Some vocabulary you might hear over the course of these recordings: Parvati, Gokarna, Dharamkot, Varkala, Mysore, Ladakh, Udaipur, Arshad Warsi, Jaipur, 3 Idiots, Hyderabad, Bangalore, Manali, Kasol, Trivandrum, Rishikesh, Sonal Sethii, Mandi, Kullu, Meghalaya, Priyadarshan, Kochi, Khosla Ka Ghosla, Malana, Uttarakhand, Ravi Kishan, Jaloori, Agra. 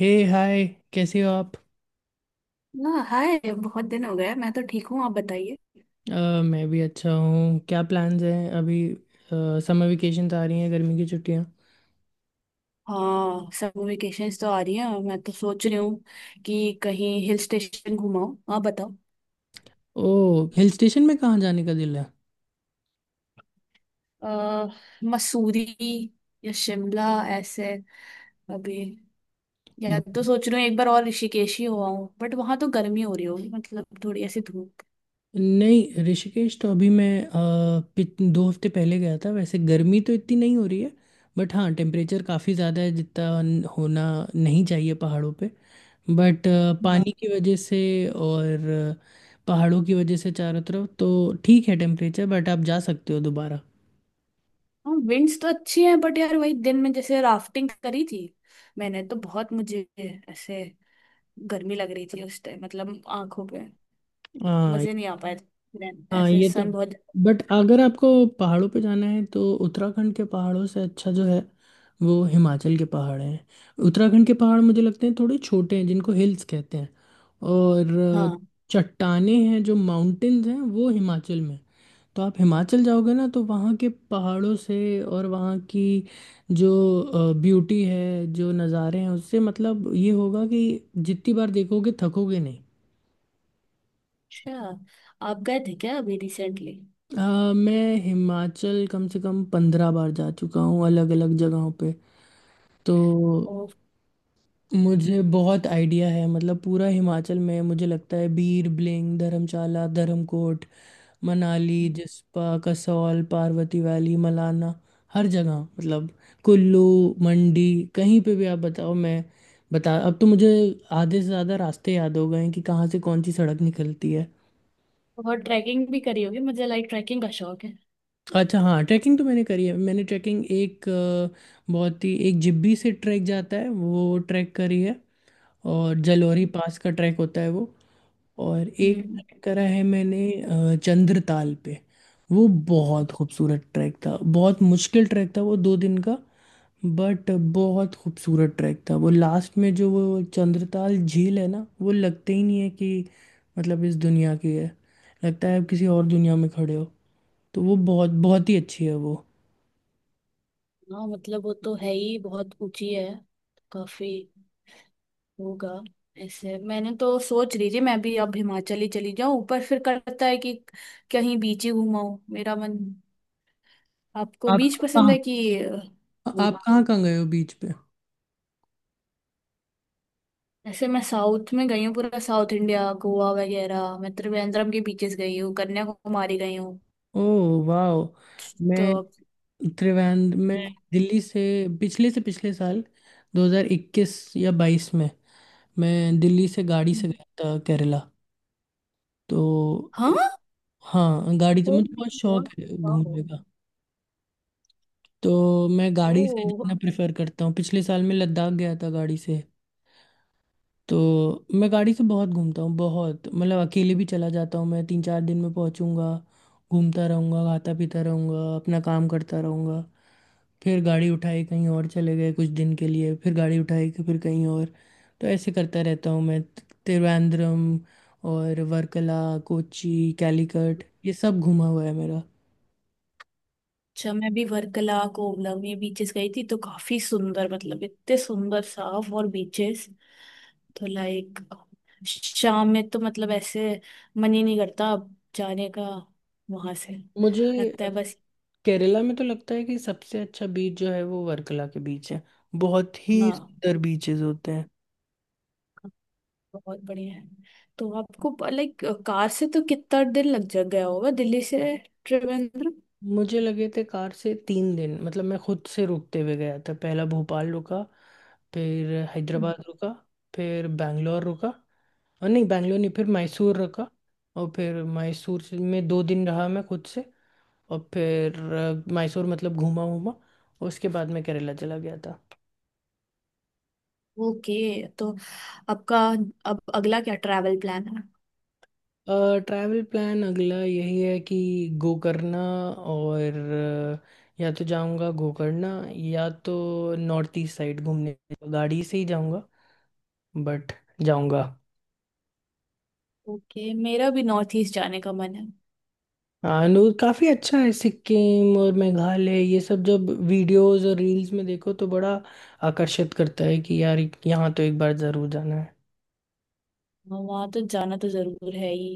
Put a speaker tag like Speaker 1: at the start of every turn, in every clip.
Speaker 1: हे hi. कैसे हो आप?
Speaker 2: हाँ हाय, बहुत दिन हो गए। मैं तो ठीक हूँ, आप बताइए।
Speaker 1: मैं भी अच्छा हूँ। क्या प्लान्स हैं अभी? समर वेकेशन आ रही हैं, गर्मी की छुट्टियाँ।
Speaker 2: हाँ, समर वेकेशंस तो आ रही हैं और मैं तो सोच रही हूँ कि कहीं हिल स्टेशन घुमाऊँ। आप बताओ।
Speaker 1: ओह, हिल स्टेशन में कहाँ जाने का दिल है?
Speaker 2: अ, मसूरी या शिमला ऐसे। अभी या
Speaker 1: ब-
Speaker 2: तो सोच रही हूँ एक बार और, ऋषिकेश ही हुआ हूँ। बट वहां तो गर्मी हो रही होगी, मतलब थोड़ी ऐसी धूप।
Speaker 1: नहीं, ऋषिकेश तो अभी मैं 2 हफ्ते पहले गया था। वैसे गर्मी तो इतनी नहीं हो रही है। बट हाँ, टेम्परेचर काफ़ी ज़्यादा है जितना होना नहीं चाहिए पहाड़ों पे। बट पानी
Speaker 2: हाँ।
Speaker 1: की वजह से और पहाड़ों की वजह से चारों तरफ तो ठीक है टेम्परेचर। बट आप जा सकते हो दोबारा।
Speaker 2: हाँ, विंड्स तो अच्छी हैं बट यार वही दिन में जैसे राफ्टिंग करी थी, मैंने तो बहुत, मुझे ऐसे गर्मी लग रही थी उस टाइम। मतलब आंखों पे
Speaker 1: हाँ।
Speaker 2: मुझे नहीं आ पाया। Then
Speaker 1: हाँ,
Speaker 2: ऐसे
Speaker 1: ये तो।
Speaker 2: सन बहुत।
Speaker 1: बट अगर आपको पहाड़ों पे जाना है तो उत्तराखंड के पहाड़ों से अच्छा जो है वो हिमाचल के पहाड़ हैं। उत्तराखंड के पहाड़ मुझे लगते हैं थोड़े छोटे हैं, जिनको हिल्स कहते हैं। और अ,
Speaker 2: हाँ।
Speaker 1: चट्टानें हैं जो माउंटेन्स हैं वो हिमाचल में हैं। तो आप हिमाचल जाओगे ना तो वहाँ के पहाड़ों से और वहाँ की जो ब्यूटी है, जो नज़ारे हैं, उससे मतलब ये होगा कि जितनी बार देखोगे थकोगे।
Speaker 2: अच्छा, आप गए थे क्या अभी रिसेंटली?
Speaker 1: मैं हिमाचल कम से कम 15 बार जा चुका हूँ अलग अलग जगहों पे। तो
Speaker 2: ओ।
Speaker 1: मुझे बहुत आइडिया है मतलब पूरा हिमाचल में। मुझे लगता है बीर बिलिंग, धर्मशाला, धर्मकोट, मनाली, जिस्पा, कसौल, पार्वती वैली, मलाना, हर जगह मतलब। कुल्लू, मंडी, कहीं पे भी आप बताओ। मैं बता, अब तो मुझे आधे से ज़्यादा रास्ते याद हो गए हैं कि कहाँ से कौन सी सड़क निकलती है।
Speaker 2: बहुत ट्रैकिंग भी करी होगी। मुझे लाइक ट्रैकिंग का शौक है।
Speaker 1: अच्छा हाँ, ट्रैकिंग तो मैंने करी है। मैंने ट्रैकिंग एक बहुत ही एक, जिब्बी से ट्रैक जाता है वो ट्रैक करी है। और जलोरी पास का ट्रैक होता है वो। और एक
Speaker 2: हम्म।
Speaker 1: ट्रैक करा है मैंने चंद्रताल पे। वो बहुत खूबसूरत ट्रैक था, बहुत मुश्किल ट्रैक था वो, 2 दिन का। बट बहुत खूबसूरत ट्रैक था वो। लास्ट में जो वो चंद्रताल झील है ना, वो लगते ही नहीं है कि मतलब इस दुनिया की है। लगता है आप किसी और दुनिया में खड़े हो। तो वो बहुत बहुत ही अच्छी है वो।
Speaker 2: हाँ, मतलब वो तो है ही। बहुत ऊंची है काफी होगा। ऐसे मैंने तो सोच रही थी मैं भी अब हिमाचल ही चली जाऊं, पर फिर करता है कि कहीं बीच ही घुमाऊं मेरा मन। आपको बीच पसंद है कि
Speaker 1: आप कहाँ कहाँ गए हो बीच पे?
Speaker 2: ऐसे? मैं साउथ में गई हूँ, पूरा साउथ इंडिया, गोवा वगैरह। मैं त्रिवेंद्रम के बीचेस गई हूँ, कन्याकुमारी गई हूँ
Speaker 1: ओह वाह।
Speaker 2: तो।
Speaker 1: मैं त्रिवेंद्र, मैं दिल्ली से, पिछले से पिछले साल 2021 या 22 में, मैं दिल्ली से गाड़ी से गया था केरला। तो
Speaker 2: हाँ।
Speaker 1: हाँ, गाड़ी तो
Speaker 2: ओ
Speaker 1: मुझे बहुत
Speaker 2: माय
Speaker 1: शौक
Speaker 2: गॉड।
Speaker 1: है
Speaker 2: वाओ।
Speaker 1: घूमने। तो मैं गाड़ी से
Speaker 2: ओ।
Speaker 1: जाना प्रेफर करता हूँ। पिछले साल मैं लद्दाख गया था गाड़ी से। तो मैं गाड़ी से बहुत घूमता हूँ, बहुत, मतलब अकेले भी चला जाता हूँ। मैं 3 4 दिन में पहुँचूंगा, घूमता रहूँगा, खाता पीता रहूँगा, अपना काम करता रहूँगा, फिर गाड़ी उठाई कहीं और चले गए कुछ दिन के लिए, फिर गाड़ी उठाई कि फिर कहीं और। तो ऐसे करता रहता हूँ मैं। त्रिवेंद्रम और वर्कला, कोची, कैलीकट ये सब घूमा हुआ है मेरा।
Speaker 2: अच्छा, मैं भी वर्कला, कोवलम ये बीचेस गई थी तो काफी सुंदर, मतलब इतने सुंदर साफ और बीचेस तो, लाइक शाम में तो मतलब ऐसे मन ही नहीं करता अब जाने का वहां से।
Speaker 1: मुझे
Speaker 2: लगता है बस।
Speaker 1: केरला में तो लगता है कि सबसे अच्छा बीच जो है वो वर्कला के बीच है। बहुत ही
Speaker 2: हाँ,
Speaker 1: सुंदर बीचेस होते हैं।
Speaker 2: बहुत बढ़िया है। तो आपको लाइक कार से तो कितना दिन लग जा गया होगा दिल्ली से त्रिवेंद्र?
Speaker 1: मुझे लगे थे कार से 3 दिन। मतलब मैं खुद से रुकते हुए गया था। पहला भोपाल रुका, फिर हैदराबाद रुका, फिर बैंगलोर रुका और नहीं, बैंगलोर नहीं, फिर मैसूर रुका। और फिर मैसूर से- में 2 दिन रहा मैं खुद से। और फिर मैसूर मतलब घूमा घूमा। उसके बाद मैं केरला चला गया था।
Speaker 2: ओके, तो आपका अब अगला क्या ट्रैवल प्लान है?
Speaker 1: ट्रैवल प्लान अगला यही है कि गोकर्णा और या तो जाऊंगा गोकर्णा या तो नॉर्थ ईस्ट साइड घूमने। गाड़ी से ही जाऊंगा बट जाऊंगा।
Speaker 2: ओके, मेरा भी नॉर्थ ईस्ट जाने का मन है।
Speaker 1: अनुर काफ़ी अच्छा है सिक्किम और मेघालय। ये सब जब वीडियोस और रील्स में देखो तो बड़ा आकर्षित करता है कि यार यहाँ तो एक बार ज़रूर जाना है।
Speaker 2: वहां तो जाना तो जरूर है ही।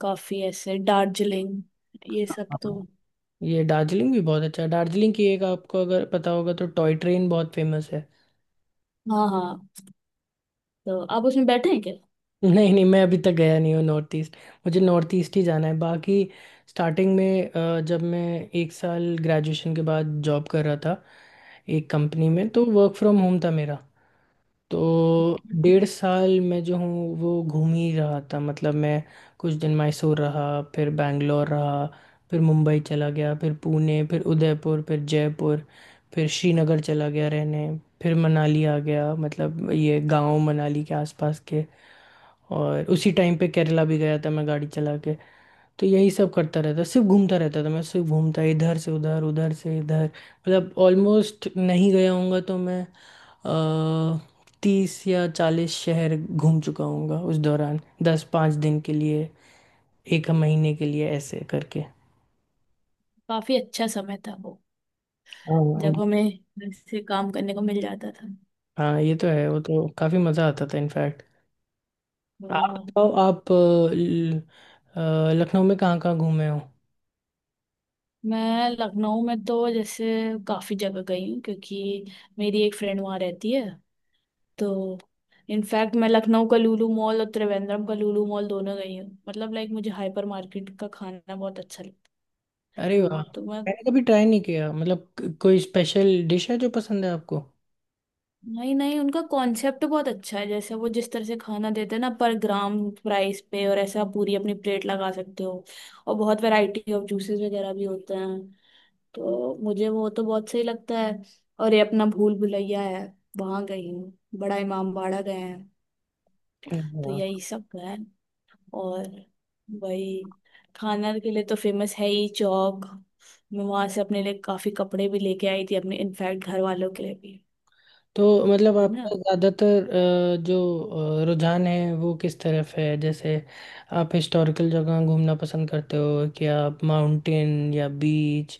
Speaker 2: काफी ऐसे दार्जिलिंग ये सब
Speaker 1: हाँ,
Speaker 2: तो।
Speaker 1: ये दार्जिलिंग भी बहुत अच्छा है। दार्जिलिंग की एक, आपको अगर पता होगा तो, टॉय ट्रेन बहुत फेमस है।
Speaker 2: हाँ हाँ, तो आप उसमें बैठे हैं क्या?
Speaker 1: नहीं नहीं, मैं अभी तक गया नहीं हूँ नॉर्थ ईस्ट। मुझे नॉर्थ ईस्ट ही जाना है बाकी। स्टार्टिंग में जब मैं एक साल ग्रेजुएशन के बाद जॉब कर रहा था एक कंपनी में, तो वर्क फ्रॉम होम था मेरा। तो
Speaker 2: Okay.
Speaker 1: 1.5 साल मैं जो हूँ वो घूम ही रहा था। मतलब मैं कुछ दिन मैसूर रहा, फिर बैंगलोर रहा, फिर मुंबई चला गया, फिर पुणे, फिर उदयपुर, फिर जयपुर, फिर श्रीनगर चला गया रहने, फिर मनाली आ गया, मतलब ये गांव मनाली के आसपास के। और उसी टाइम पे केरला भी गया था मैं गाड़ी चला के। तो यही सब करता रहता, सिर्फ घूमता रहता था मैं, सिर्फ घूमता इधर से उधर, उधर से इधर। मतलब ऑलमोस्ट नहीं गया होऊंगा तो मैं 30 या 40 शहर घूम चुका हूँगा उस दौरान, 10 5 दिन के लिए, एक महीने के लिए, ऐसे करके।
Speaker 2: काफी अच्छा समय था वो
Speaker 1: हाँ,
Speaker 2: जब हमें ऐसे काम करने को मिल जाता था।
Speaker 1: हाँ ये तो है, वो तो काफी मजा आता था इनफैक्ट। आप
Speaker 2: वाह,
Speaker 1: बताओ आप ल- लखनऊ में कहाँ कहाँ घूमे हो?
Speaker 2: मैं लखनऊ में तो जैसे काफ़ी जगह गई हूँ क्योंकि मेरी एक फ्रेंड वहाँ रहती है तो। इनफैक्ट मैं लखनऊ का लुलु मॉल और त्रिवेंद्रम का लुलु मॉल दोनों गई हूँ। मतलब लाइक मुझे हाइपर मार्केट का खाना बहुत अच्छा लगता है।
Speaker 1: अरे वाह,
Speaker 2: लुलु तो मैं,
Speaker 1: मैंने कभी ट्राई नहीं किया। मतलब कोई स्पेशल डिश है जो पसंद है आपको?
Speaker 2: नहीं नहीं, उनका कॉन्सेप्ट बहुत अच्छा है। जैसे वो जिस तरह से खाना देते हैं ना, पर ग्राम प्राइस पे, और ऐसे आप पूरी अपनी प्लेट लगा सकते हो। और बहुत वैरायटी ऑफ जूसेस वगैरह भी होते हैं, तो मुझे वो तो बहुत सही लगता है। और ये अपना भूल भुलैया है, वहां गई हूँ। बड़ा इमामबाड़ा गए हैं। तो
Speaker 1: हाँ।
Speaker 2: यही सब है। और वही खाना के लिए तो फेमस है ही, चौक। मैं वहां से अपने लिए काफी कपड़े भी लेके आई थी अपने, इनफैक्ट घर वालों के लिए भी
Speaker 1: तो मतलब
Speaker 2: है।
Speaker 1: आपका ज़्यादातर जो रुझान है वो किस तरफ है? जैसे आप हिस्टोरिकल जगह घूमना पसंद करते हो कि आप माउंटेन या बीच,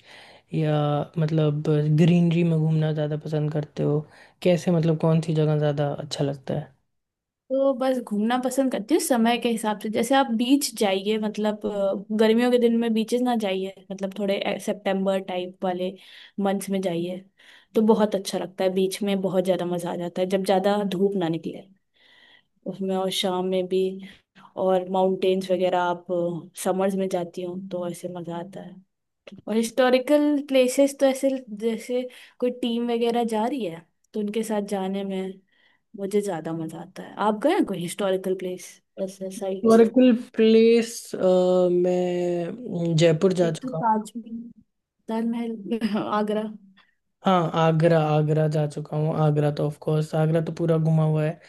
Speaker 1: या मतलब ग्रीनरी में घूमना ज़्यादा पसंद करते हो? कैसे, मतलब कौन सी जगह ज़्यादा अच्छा लगता है?
Speaker 2: तो बस घूमना पसंद करती हूँ समय के हिसाब से। जैसे आप बीच जाइए, मतलब गर्मियों के दिन में बीचेस ना जाइए, मतलब थोड़े सितंबर टाइप वाले मंथ्स में जाइए तो बहुत अच्छा लगता है। बीच में बहुत ज्यादा मजा आ जाता है जब ज्यादा धूप ना निकले उसमें, और शाम में भी। और माउंटेन्स वगैरह आप समर्स में जाती हो तो ऐसे मजा आता है। और हिस्टोरिकल प्लेसेस तो ऐसे, जैसे कोई टीम वगैरह जा रही है तो उनके साथ जाने में मुझे ज्यादा मजा आता है। आप गए हैं कोई हिस्टोरिकल प्लेस, ऐसे साइट्स?
Speaker 1: हिस्टोरिकल प्लेस मैं जयपुर जा
Speaker 2: एक तो
Speaker 1: चुका हूँ।
Speaker 2: ताजमहल, ताजमहल आगरा।
Speaker 1: हाँ आगरा, आगरा जा चुका हूँ। आगरा तो ऑफ कोर्स, आगरा तो पूरा घुमा हुआ है।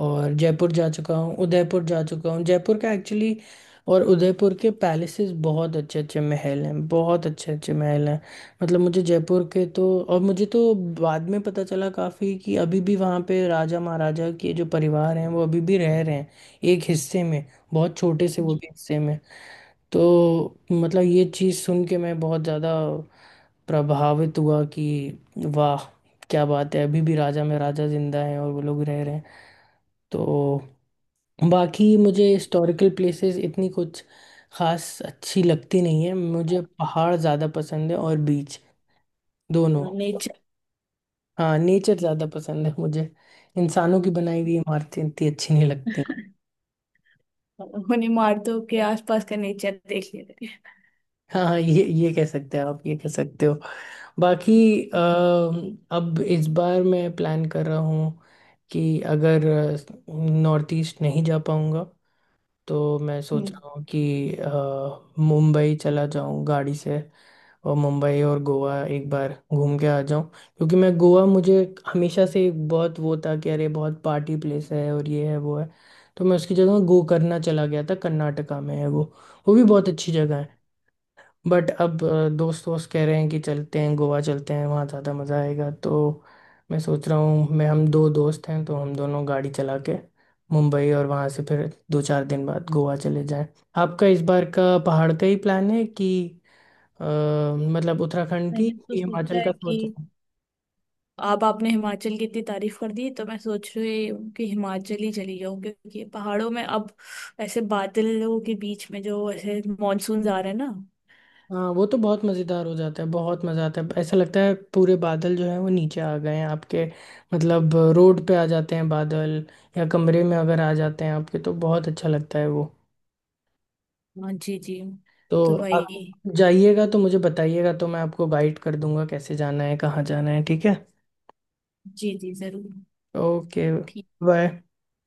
Speaker 1: और जयपुर जा चुका हूँ, उदयपुर जा चुका हूँ। जयपुर का एक्चुअली और उदयपुर के पैलेसेस, बहुत अच्छे अच्छे महल हैं, बहुत अच्छे अच्छे महल हैं। मतलब मुझे जयपुर के तो, और मुझे तो बाद में पता चला काफ़ी कि अभी भी वहाँ पे राजा महाराजा के जो परिवार हैं वो अभी भी रह रहे हैं एक हिस्से में, बहुत छोटे से वो
Speaker 2: जी
Speaker 1: भी हिस्से में। तो मतलब ये चीज़ सुन के मैं बहुत ज़्यादा प्रभावित हुआ कि वाह, क्या बात है, अभी भी राजा में राजा जिंदा हैं और वो लोग रह रहे हैं। तो बाकी मुझे
Speaker 2: जी।
Speaker 1: हिस्टोरिकल प्लेसेस इतनी कुछ खास अच्छी लगती नहीं है। मुझे पहाड़ ज़्यादा पसंद है और बीच, दोनों।
Speaker 2: नेचर।
Speaker 1: हाँ, नेचर ज़्यादा पसंद है मुझे। इंसानों की बनाई हुई इमारतें इतनी अच्छी नहीं लगती।
Speaker 2: उन्हें मारतो के आसपास का नेचर देख लेते हैं।
Speaker 1: हाँ हाँ, ये कह सकते हैं आप, ये कह सकते हो। बाकी अ, अब इस बार मैं प्लान कर रहा हूँ कि अगर नॉर्थ ईस्ट नहीं जा पाऊँगा तो मैं
Speaker 2: हम्म।
Speaker 1: सोच रहा हूँ कि मुंबई चला जाऊँ गाड़ी से। और मुंबई और गोवा एक बार घूम के आ जाऊं, क्योंकि मैं गोवा मुझे हमेशा से एक बहुत वो था कि अरे बहुत पार्टी प्लेस है और ये है वो है। तो मैं उसकी जगह गो करना चला गया था, कर्नाटका में है वो। वो भी बहुत अच्छी जगह है। बट अब दोस्त वोस्त कह रहे हैं कि चलते हैं गोवा, चलते हैं वहाँ ज़्यादा मज़ा आएगा। तो मैं सोच रहा हूँ मैं, हम 2 दोस्त हैं तो हम दोनों गाड़ी चला के मुंबई और वहाँ से फिर 2 4 दिन बाद गोवा चले जाएं। आपका इस बार का पहाड़ का ही प्लान है कि अ, मतलब उत्तराखंड की
Speaker 2: मैंने तो
Speaker 1: कि
Speaker 2: सोचा
Speaker 1: हिमाचल
Speaker 2: है
Speaker 1: का
Speaker 2: कि
Speaker 1: सोच रहा हूँ।
Speaker 2: अब आपने हिमाचल की इतनी तारीफ कर दी तो मैं सोच रही हूँ कि हिमाचल ही चली जाऊँ, क्योंकि ये पहाड़ों में अब ऐसे बादलों के बीच में जो ऐसे मानसून आ रहे हैं ना।
Speaker 1: हाँ, वो तो बहुत मज़ेदार हो जाता है, बहुत मज़ा आता है। ऐसा लगता है पूरे बादल जो है वो नीचे आ गए हैं आपके, मतलब रोड पे आ जाते हैं बादल। या कमरे में अगर आ जाते हैं आपके तो बहुत अच्छा लगता है वो।
Speaker 2: हाँ जी जी।
Speaker 1: तो
Speaker 2: तो
Speaker 1: आप
Speaker 2: वही।
Speaker 1: जाइएगा तो मुझे बताइएगा, तो मैं आपको गाइड कर दूंगा कैसे जाना है, कहाँ जाना है। ठीक है।
Speaker 2: जी जी जरूर।
Speaker 1: ओके,
Speaker 2: ठीक
Speaker 1: बाय।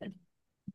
Speaker 2: है।